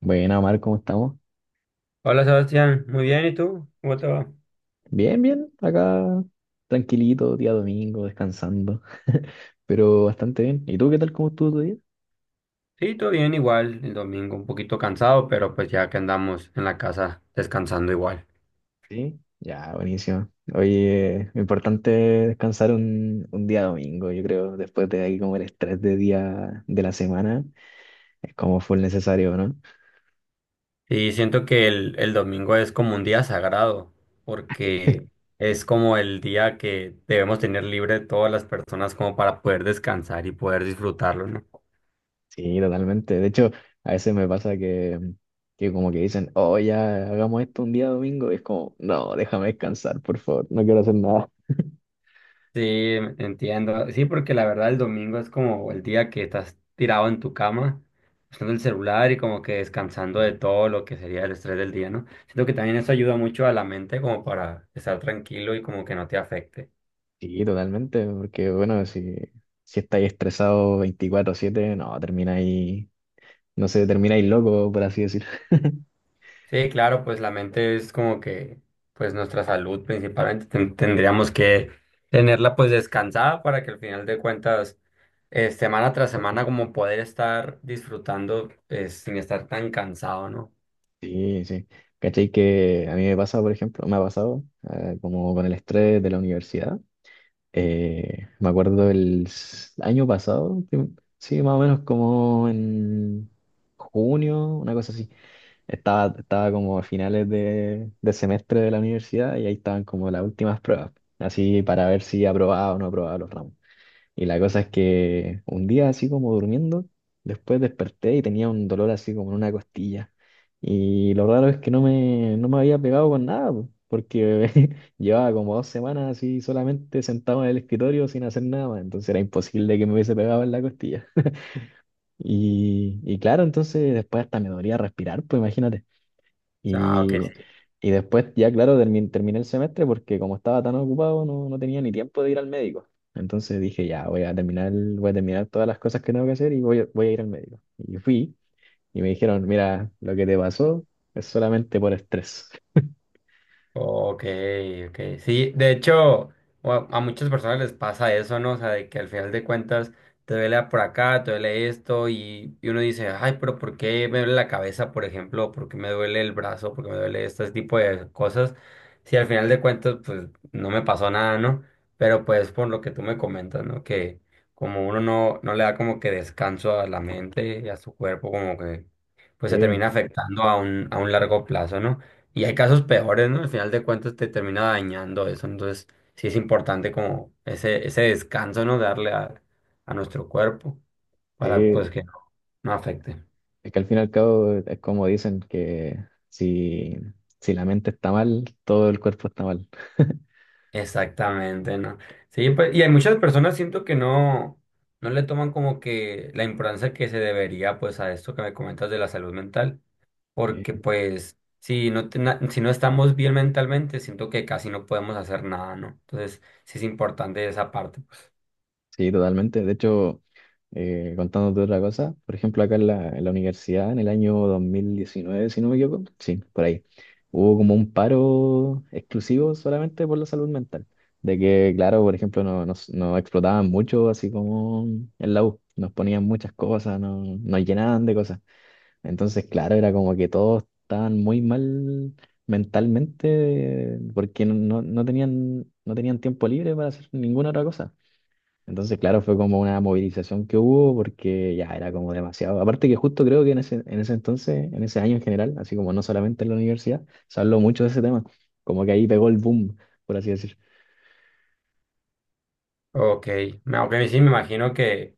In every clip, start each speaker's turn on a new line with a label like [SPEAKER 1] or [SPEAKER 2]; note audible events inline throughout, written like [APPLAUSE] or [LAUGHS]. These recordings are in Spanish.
[SPEAKER 1] Buena, Omar, ¿cómo estamos?
[SPEAKER 2] Hola Sebastián, muy bien, ¿y tú? ¿Cómo te va?
[SPEAKER 1] Bien, bien, acá tranquilito, día domingo, descansando, [LAUGHS] pero bastante bien. ¿Y tú qué tal? ¿Cómo estuvo tu día?
[SPEAKER 2] Sí, todo bien, igual, el domingo un poquito cansado, pero pues ya que andamos en la casa descansando igual.
[SPEAKER 1] Sí. Ya, buenísimo. Oye, importante descansar un día domingo, yo creo, después de ahí como el estrés de día de la semana, es como full necesario, ¿no?
[SPEAKER 2] Y siento que el domingo es como un día sagrado, porque
[SPEAKER 1] [LAUGHS]
[SPEAKER 2] es como el día que debemos tener libre todas las personas como para poder descansar y poder disfrutarlo, ¿no?
[SPEAKER 1] Sí, totalmente. De hecho, a veces me pasa que como que dicen, oh, ya hagamos esto un día domingo, y es como, no, déjame descansar, por favor, no quiero hacer nada.
[SPEAKER 2] Sí, entiendo. Sí, porque la verdad el domingo es como el día que estás tirado en tu cama, usando el celular y como que descansando de todo lo que sería el estrés del día, ¿no? Siento que también eso ayuda mucho a la mente como para estar tranquilo y como que no te afecte.
[SPEAKER 1] Sí, totalmente, porque bueno, si estáis estresados 24/7 no, termináis, no sé, termináis loco, por así decir. [LAUGHS]
[SPEAKER 2] Sí, claro, pues la mente es como que, pues nuestra salud principalmente tendríamos que tenerla pues descansada para que al final de cuentas, semana tras semana como poder estar disfrutando sin estar tan cansado, ¿no?
[SPEAKER 1] Sí, sí. ¿Cachai? Que a mí me pasa, por ejemplo, me ha pasado como con el estrés de la universidad. Me acuerdo año pasado, sí, más o menos como en junio, una cosa así. Estaba como a finales de semestre de la universidad y ahí estaban como las últimas pruebas, así para ver si aprobaba o no aprobaba los ramos. Y la cosa es que un día así como durmiendo, después desperté y tenía un dolor así como en una costilla. Y lo raro es que no me había pegado con nada, po, porque [LAUGHS] llevaba como dos semanas así solamente sentado en el escritorio sin hacer nada más. Entonces era imposible que me hubiese pegado en la costilla. [LAUGHS] Y, y claro, entonces después hasta me dolía respirar, pues imagínate.
[SPEAKER 2] O sea, ok.
[SPEAKER 1] Y, y después ya, claro, terminé el semestre porque como estaba tan ocupado no, no tenía ni tiempo de ir al médico. Entonces dije, ya, voy a terminar todas las cosas que tengo que hacer y voy a ir al médico. Y fui y me dijeron, mira, lo que te pasó es solamente por estrés.
[SPEAKER 2] Ok, ok. Sí, de hecho, a muchas personas les pasa eso, ¿no? O sea, de que al final de cuentas te duele por acá, te duele esto, y uno dice, ay, pero ¿por qué me duele la cabeza, por ejemplo? ¿Por qué me duele el brazo? ¿Por qué me duele este tipo de cosas? Si al final de cuentas, pues no me pasó nada, ¿no? Pero pues por lo que tú me comentas, ¿no? Que como uno no, no le da como que descanso a la mente y a su cuerpo, como que pues
[SPEAKER 1] Sí,
[SPEAKER 2] se termina afectando a un largo plazo, ¿no? Y hay casos peores, ¿no? Al final de cuentas te termina dañando eso. Entonces, sí es importante como ese descanso, ¿no? Darle a nuestro cuerpo para pues
[SPEAKER 1] sí.
[SPEAKER 2] que no, no afecte.
[SPEAKER 1] Es que al fin y al cabo es como dicen que si, si la mente está mal, todo el cuerpo está mal. [LAUGHS]
[SPEAKER 2] Exactamente, ¿no? Sí, pues, y hay muchas personas siento que no, no le toman como que la importancia que se debería pues a esto que me comentas de la salud mental. Porque
[SPEAKER 1] Sí.
[SPEAKER 2] pues si no, si no estamos bien mentalmente, siento que casi no podemos hacer nada, ¿no? Entonces, sí es importante esa parte.
[SPEAKER 1] Sí, totalmente. De hecho, contándote otra cosa, por ejemplo, acá en en la universidad, en el año 2019 si no me equivoco, sí, por ahí, hubo como un paro exclusivo solamente por la salud mental. De que, claro, por ejemplo, nos explotaban mucho, así como en la U, nos ponían muchas cosas, nos llenaban de cosas. Entonces, claro, era como que todos estaban muy mal mentalmente porque no tenían, no tenían tiempo libre para hacer ninguna otra cosa. Entonces, claro, fue como una movilización que hubo porque ya era como demasiado. Aparte que justo creo que en ese entonces, en ese año en general, así como no solamente en la universidad, se habló mucho de ese tema. Como que ahí pegó el boom, por así decir.
[SPEAKER 2] Ok, aunque sí me imagino que,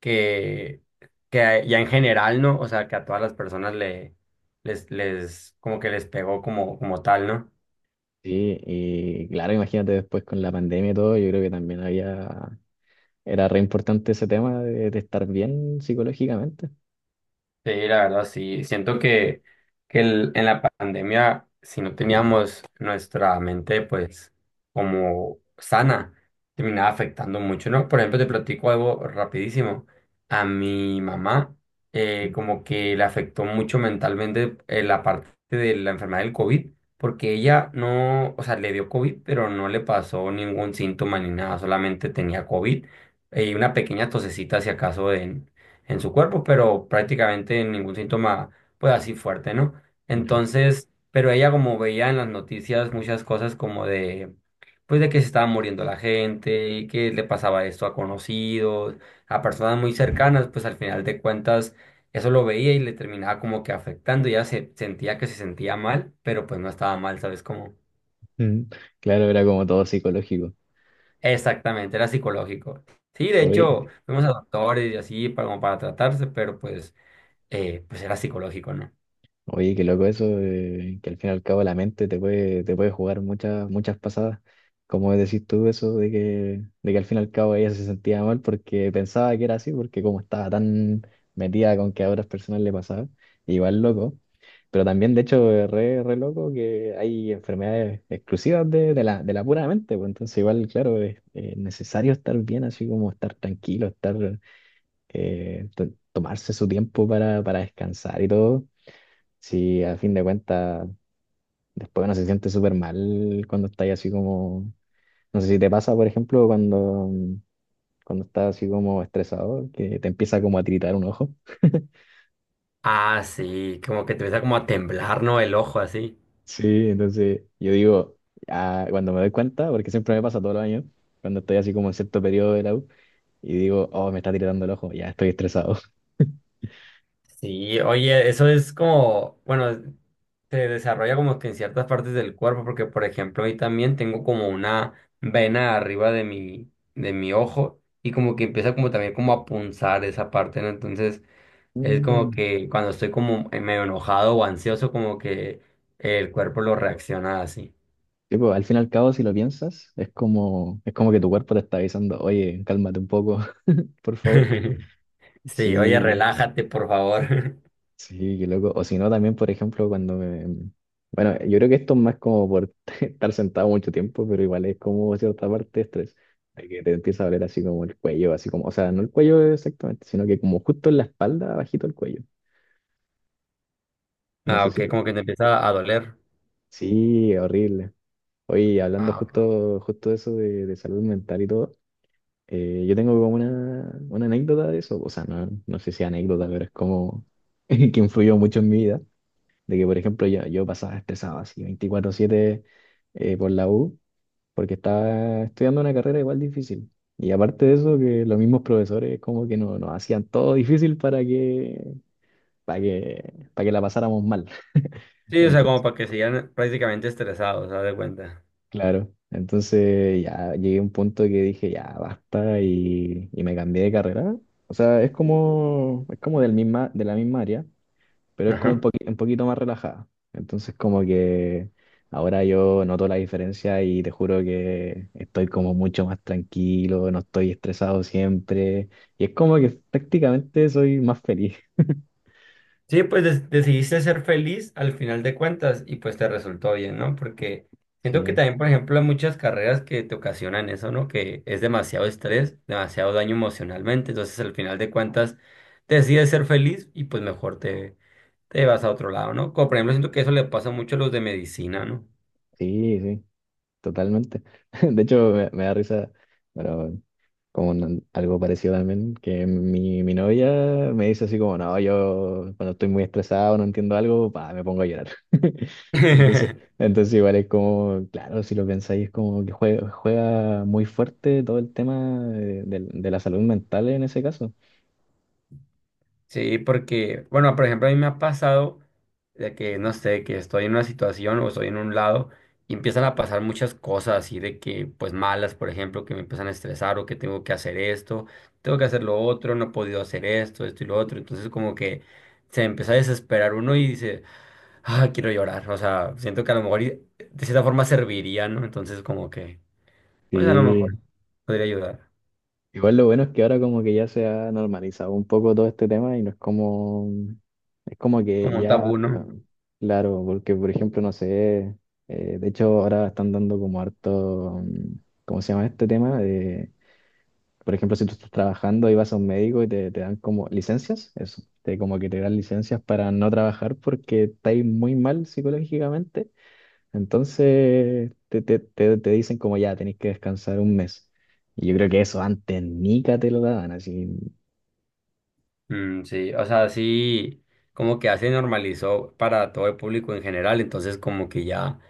[SPEAKER 2] que, que ya en general, ¿no? O sea, que a todas las personas les como que les pegó como, como tal, ¿no?
[SPEAKER 1] Sí, y claro, imagínate después con la pandemia y todo, yo creo que también había, era re importante ese tema de estar bien psicológicamente.
[SPEAKER 2] Sí, la verdad, sí. Siento que en la pandemia, si no teníamos nuestra mente, pues, como sana, terminaba afectando mucho, ¿no? Por ejemplo, te platico algo rapidísimo. A mi mamá, como que le afectó mucho mentalmente la parte de la enfermedad del COVID, porque ella no, o sea, le dio COVID, pero no le pasó ningún síntoma ni nada, solamente tenía COVID y una pequeña tosecita, si acaso, en su cuerpo, pero prácticamente ningún síntoma, pues así fuerte, ¿no?
[SPEAKER 1] Ya.
[SPEAKER 2] Entonces, pero ella como veía en las noticias muchas cosas como de, pues de que se estaba muriendo la gente y que le pasaba esto a conocidos, a personas muy cercanas, pues al final de cuentas eso lo veía y le terminaba como que afectando, ya se sentía que se sentía mal, pero pues no estaba mal, ¿sabes cómo?
[SPEAKER 1] Mm, claro, era como todo psicológico.
[SPEAKER 2] Exactamente, era psicológico. Sí, de hecho,
[SPEAKER 1] Oye.
[SPEAKER 2] fuimos a doctores y así para, como para tratarse, pero pues, pues era psicológico, ¿no?
[SPEAKER 1] Oye, qué loco eso, que al fin y al cabo la mente te puede jugar muchas, muchas pasadas. Como decís tú eso de de que al fin y al cabo ella se sentía mal porque pensaba que era así, porque como estaba tan metida con que a otras personas le pasaba, igual loco. Pero también, de hecho, es re, re loco que hay enfermedades exclusivas de la pura mente, pues entonces igual, claro, es necesario estar bien, así como estar tranquilo, tomarse su tiempo para descansar y todo. Sí, a fin de cuentas, después uno se siente súper mal cuando está ahí así como, no sé si te pasa, por ejemplo, cuando estás así como estresado, que te empieza como a tiritar un ojo.
[SPEAKER 2] Ah, sí, como que te empieza como a temblar, ¿no? El ojo así.
[SPEAKER 1] Sí, entonces yo digo, ah, cuando me doy cuenta, porque siempre me pasa todos los años, cuando estoy así como en cierto periodo de la U, y digo, oh, me está tiritando el ojo, ya estoy estresado. [LAUGHS]
[SPEAKER 2] Sí, oye, eso es como, bueno, se desarrolla como que en ciertas partes del cuerpo, porque por ejemplo, ahí también tengo como una vena arriba de mi ojo y como que empieza como también como a punzar esa parte, ¿no? Entonces, es como
[SPEAKER 1] Mm.
[SPEAKER 2] que cuando estoy como medio enojado o ansioso, como que el cuerpo lo reacciona así.
[SPEAKER 1] Sí, pues, al fin y al cabo, si lo piensas, es como que tu cuerpo te está avisando, oye, cálmate un poco, [LAUGHS] por favor.
[SPEAKER 2] [LAUGHS] Sí, oye,
[SPEAKER 1] Sí,
[SPEAKER 2] relájate, por favor.
[SPEAKER 1] sí, qué loco. O si no, también, por ejemplo, cuando me... Bueno, yo creo que esto es más como por [LAUGHS] estar sentado mucho tiempo, pero igual es como cierta parte de estrés. De que te empieza a doler así como el cuello, así como... O sea, no el cuello exactamente, sino que como justo en la espalda, abajito el cuello.
[SPEAKER 2] [LAUGHS]
[SPEAKER 1] No
[SPEAKER 2] Ah,
[SPEAKER 1] sé si...
[SPEAKER 2] ok, como que te empieza a doler.
[SPEAKER 1] Sí, horrible. Oye, hablando
[SPEAKER 2] Ah.
[SPEAKER 1] justo de eso de salud mental y todo, yo tengo como una anécdota de eso. O sea, no, no sé si anécdota, pero es como [LAUGHS] que influyó mucho en mi vida. De que, por ejemplo, yo pasaba estresado así 24/7 por la U, porque estaba estudiando una carrera igual difícil. Y aparte de eso, que los mismos profesores como que nos hacían todo difícil para que la pasáramos mal. [LAUGHS]
[SPEAKER 2] Sí, o sea, como
[SPEAKER 1] Entonces,
[SPEAKER 2] para que sigan prácticamente estresados, haz de cuenta.
[SPEAKER 1] claro, entonces ya llegué a un punto que dije, ya basta y me cambié de carrera. O sea, es como del misma, de la misma área, pero es como
[SPEAKER 2] Ajá.
[SPEAKER 1] un poquito más relajada. Entonces como que ahora yo noto la diferencia y te juro que estoy como mucho más tranquilo, no estoy estresado siempre y es como que prácticamente soy más feliz.
[SPEAKER 2] Sí, pues decidiste ser feliz al final de cuentas y pues te resultó bien, ¿no? Porque siento que
[SPEAKER 1] Sí,
[SPEAKER 2] también, por ejemplo, hay muchas carreras que te ocasionan eso, ¿no? Que es demasiado estrés, demasiado daño emocionalmente, entonces al final de cuentas decides ser feliz y pues mejor te, te vas a otro lado, ¿no? Como por ejemplo, siento que eso le pasa mucho a los de medicina, ¿no?
[SPEAKER 1] sí, totalmente. [LAUGHS] Me da risa, bueno, con algo parecido también, que mi novia me dice así como, no, yo cuando estoy muy estresado, no entiendo algo, pa, me pongo a llorar. [LAUGHS] Entonces,
[SPEAKER 2] [LAUGHS]
[SPEAKER 1] entonces igual es como, claro, si lo pensáis, es como que juega, juega muy fuerte todo el tema de la salud mental en ese caso.
[SPEAKER 2] Sí, porque, bueno, por ejemplo, a mí me ha pasado de que, no sé, que estoy en una situación o estoy en un lado y empiezan a pasar muchas cosas así de que, pues malas, por ejemplo, que me empiezan a estresar o que tengo que hacer esto, tengo que hacer lo otro, no he podido hacer esto, esto y lo otro. Entonces, como que se empieza a desesperar uno y dice, ah, quiero llorar. O sea, siento que a lo mejor de cierta forma serviría, ¿no? Entonces, como que, pues a lo mejor
[SPEAKER 1] Sí,
[SPEAKER 2] podría ayudar.
[SPEAKER 1] igual lo bueno es que ahora como que ya se ha normalizado un poco todo este tema y no es como, es como que
[SPEAKER 2] Como un
[SPEAKER 1] ya,
[SPEAKER 2] tabú, ¿no?
[SPEAKER 1] claro, porque por ejemplo, no sé, de hecho ahora están dando como harto, mm, ¿cómo se llama este tema? De, por ejemplo, si tú estás trabajando y vas a un médico y te dan como licencias, eso, te, como que te dan licencias para no trabajar porque estáis muy mal psicológicamente entonces te dicen como ya, tenés que descansar 1 mes. Y yo creo que eso antes Nica te lo daban, así. [LAUGHS]
[SPEAKER 2] Mm, sí, o sea, sí, como que ya se normalizó para todo el público en general, entonces como que ya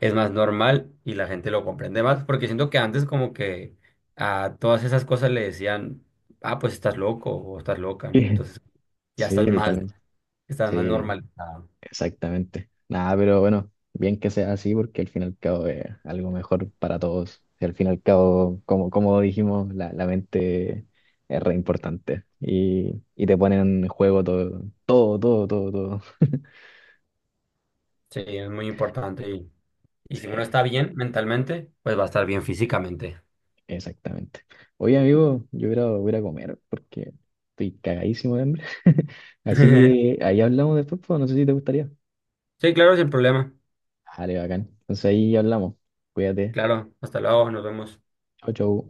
[SPEAKER 2] es más normal y la gente lo comprende más, porque siento que antes como que a todas esas cosas le decían, ah, pues estás loco o estás loca, ¿no?
[SPEAKER 1] Sí,
[SPEAKER 2] Entonces ya
[SPEAKER 1] sí, totalmente.
[SPEAKER 2] estás más
[SPEAKER 1] Sí,
[SPEAKER 2] normalizado.
[SPEAKER 1] exactamente. Nada, pero bueno, bien que sea así porque al fin y al cabo es algo mejor para todos. Y al fin y al cabo, como, como dijimos, la mente es re importante. Y te ponen en juego todo, todo, todo, todo, todo.
[SPEAKER 2] Sí, es muy importante y si uno
[SPEAKER 1] Sí.
[SPEAKER 2] está bien mentalmente, pues va a estar bien físicamente.
[SPEAKER 1] Exactamente. Oye, amigo, yo voy a ir a comer porque estoy cagadísimo de hambre. [LAUGHS] Así que
[SPEAKER 2] [LAUGHS]
[SPEAKER 1] ahí hablamos después, pues, no sé si te gustaría.
[SPEAKER 2] Sí, claro, sin problema.
[SPEAKER 1] Vale, bacán. Entonces ahí hablamos. Cuídate.
[SPEAKER 2] Claro, hasta luego, nos vemos.
[SPEAKER 1] Chau, chau.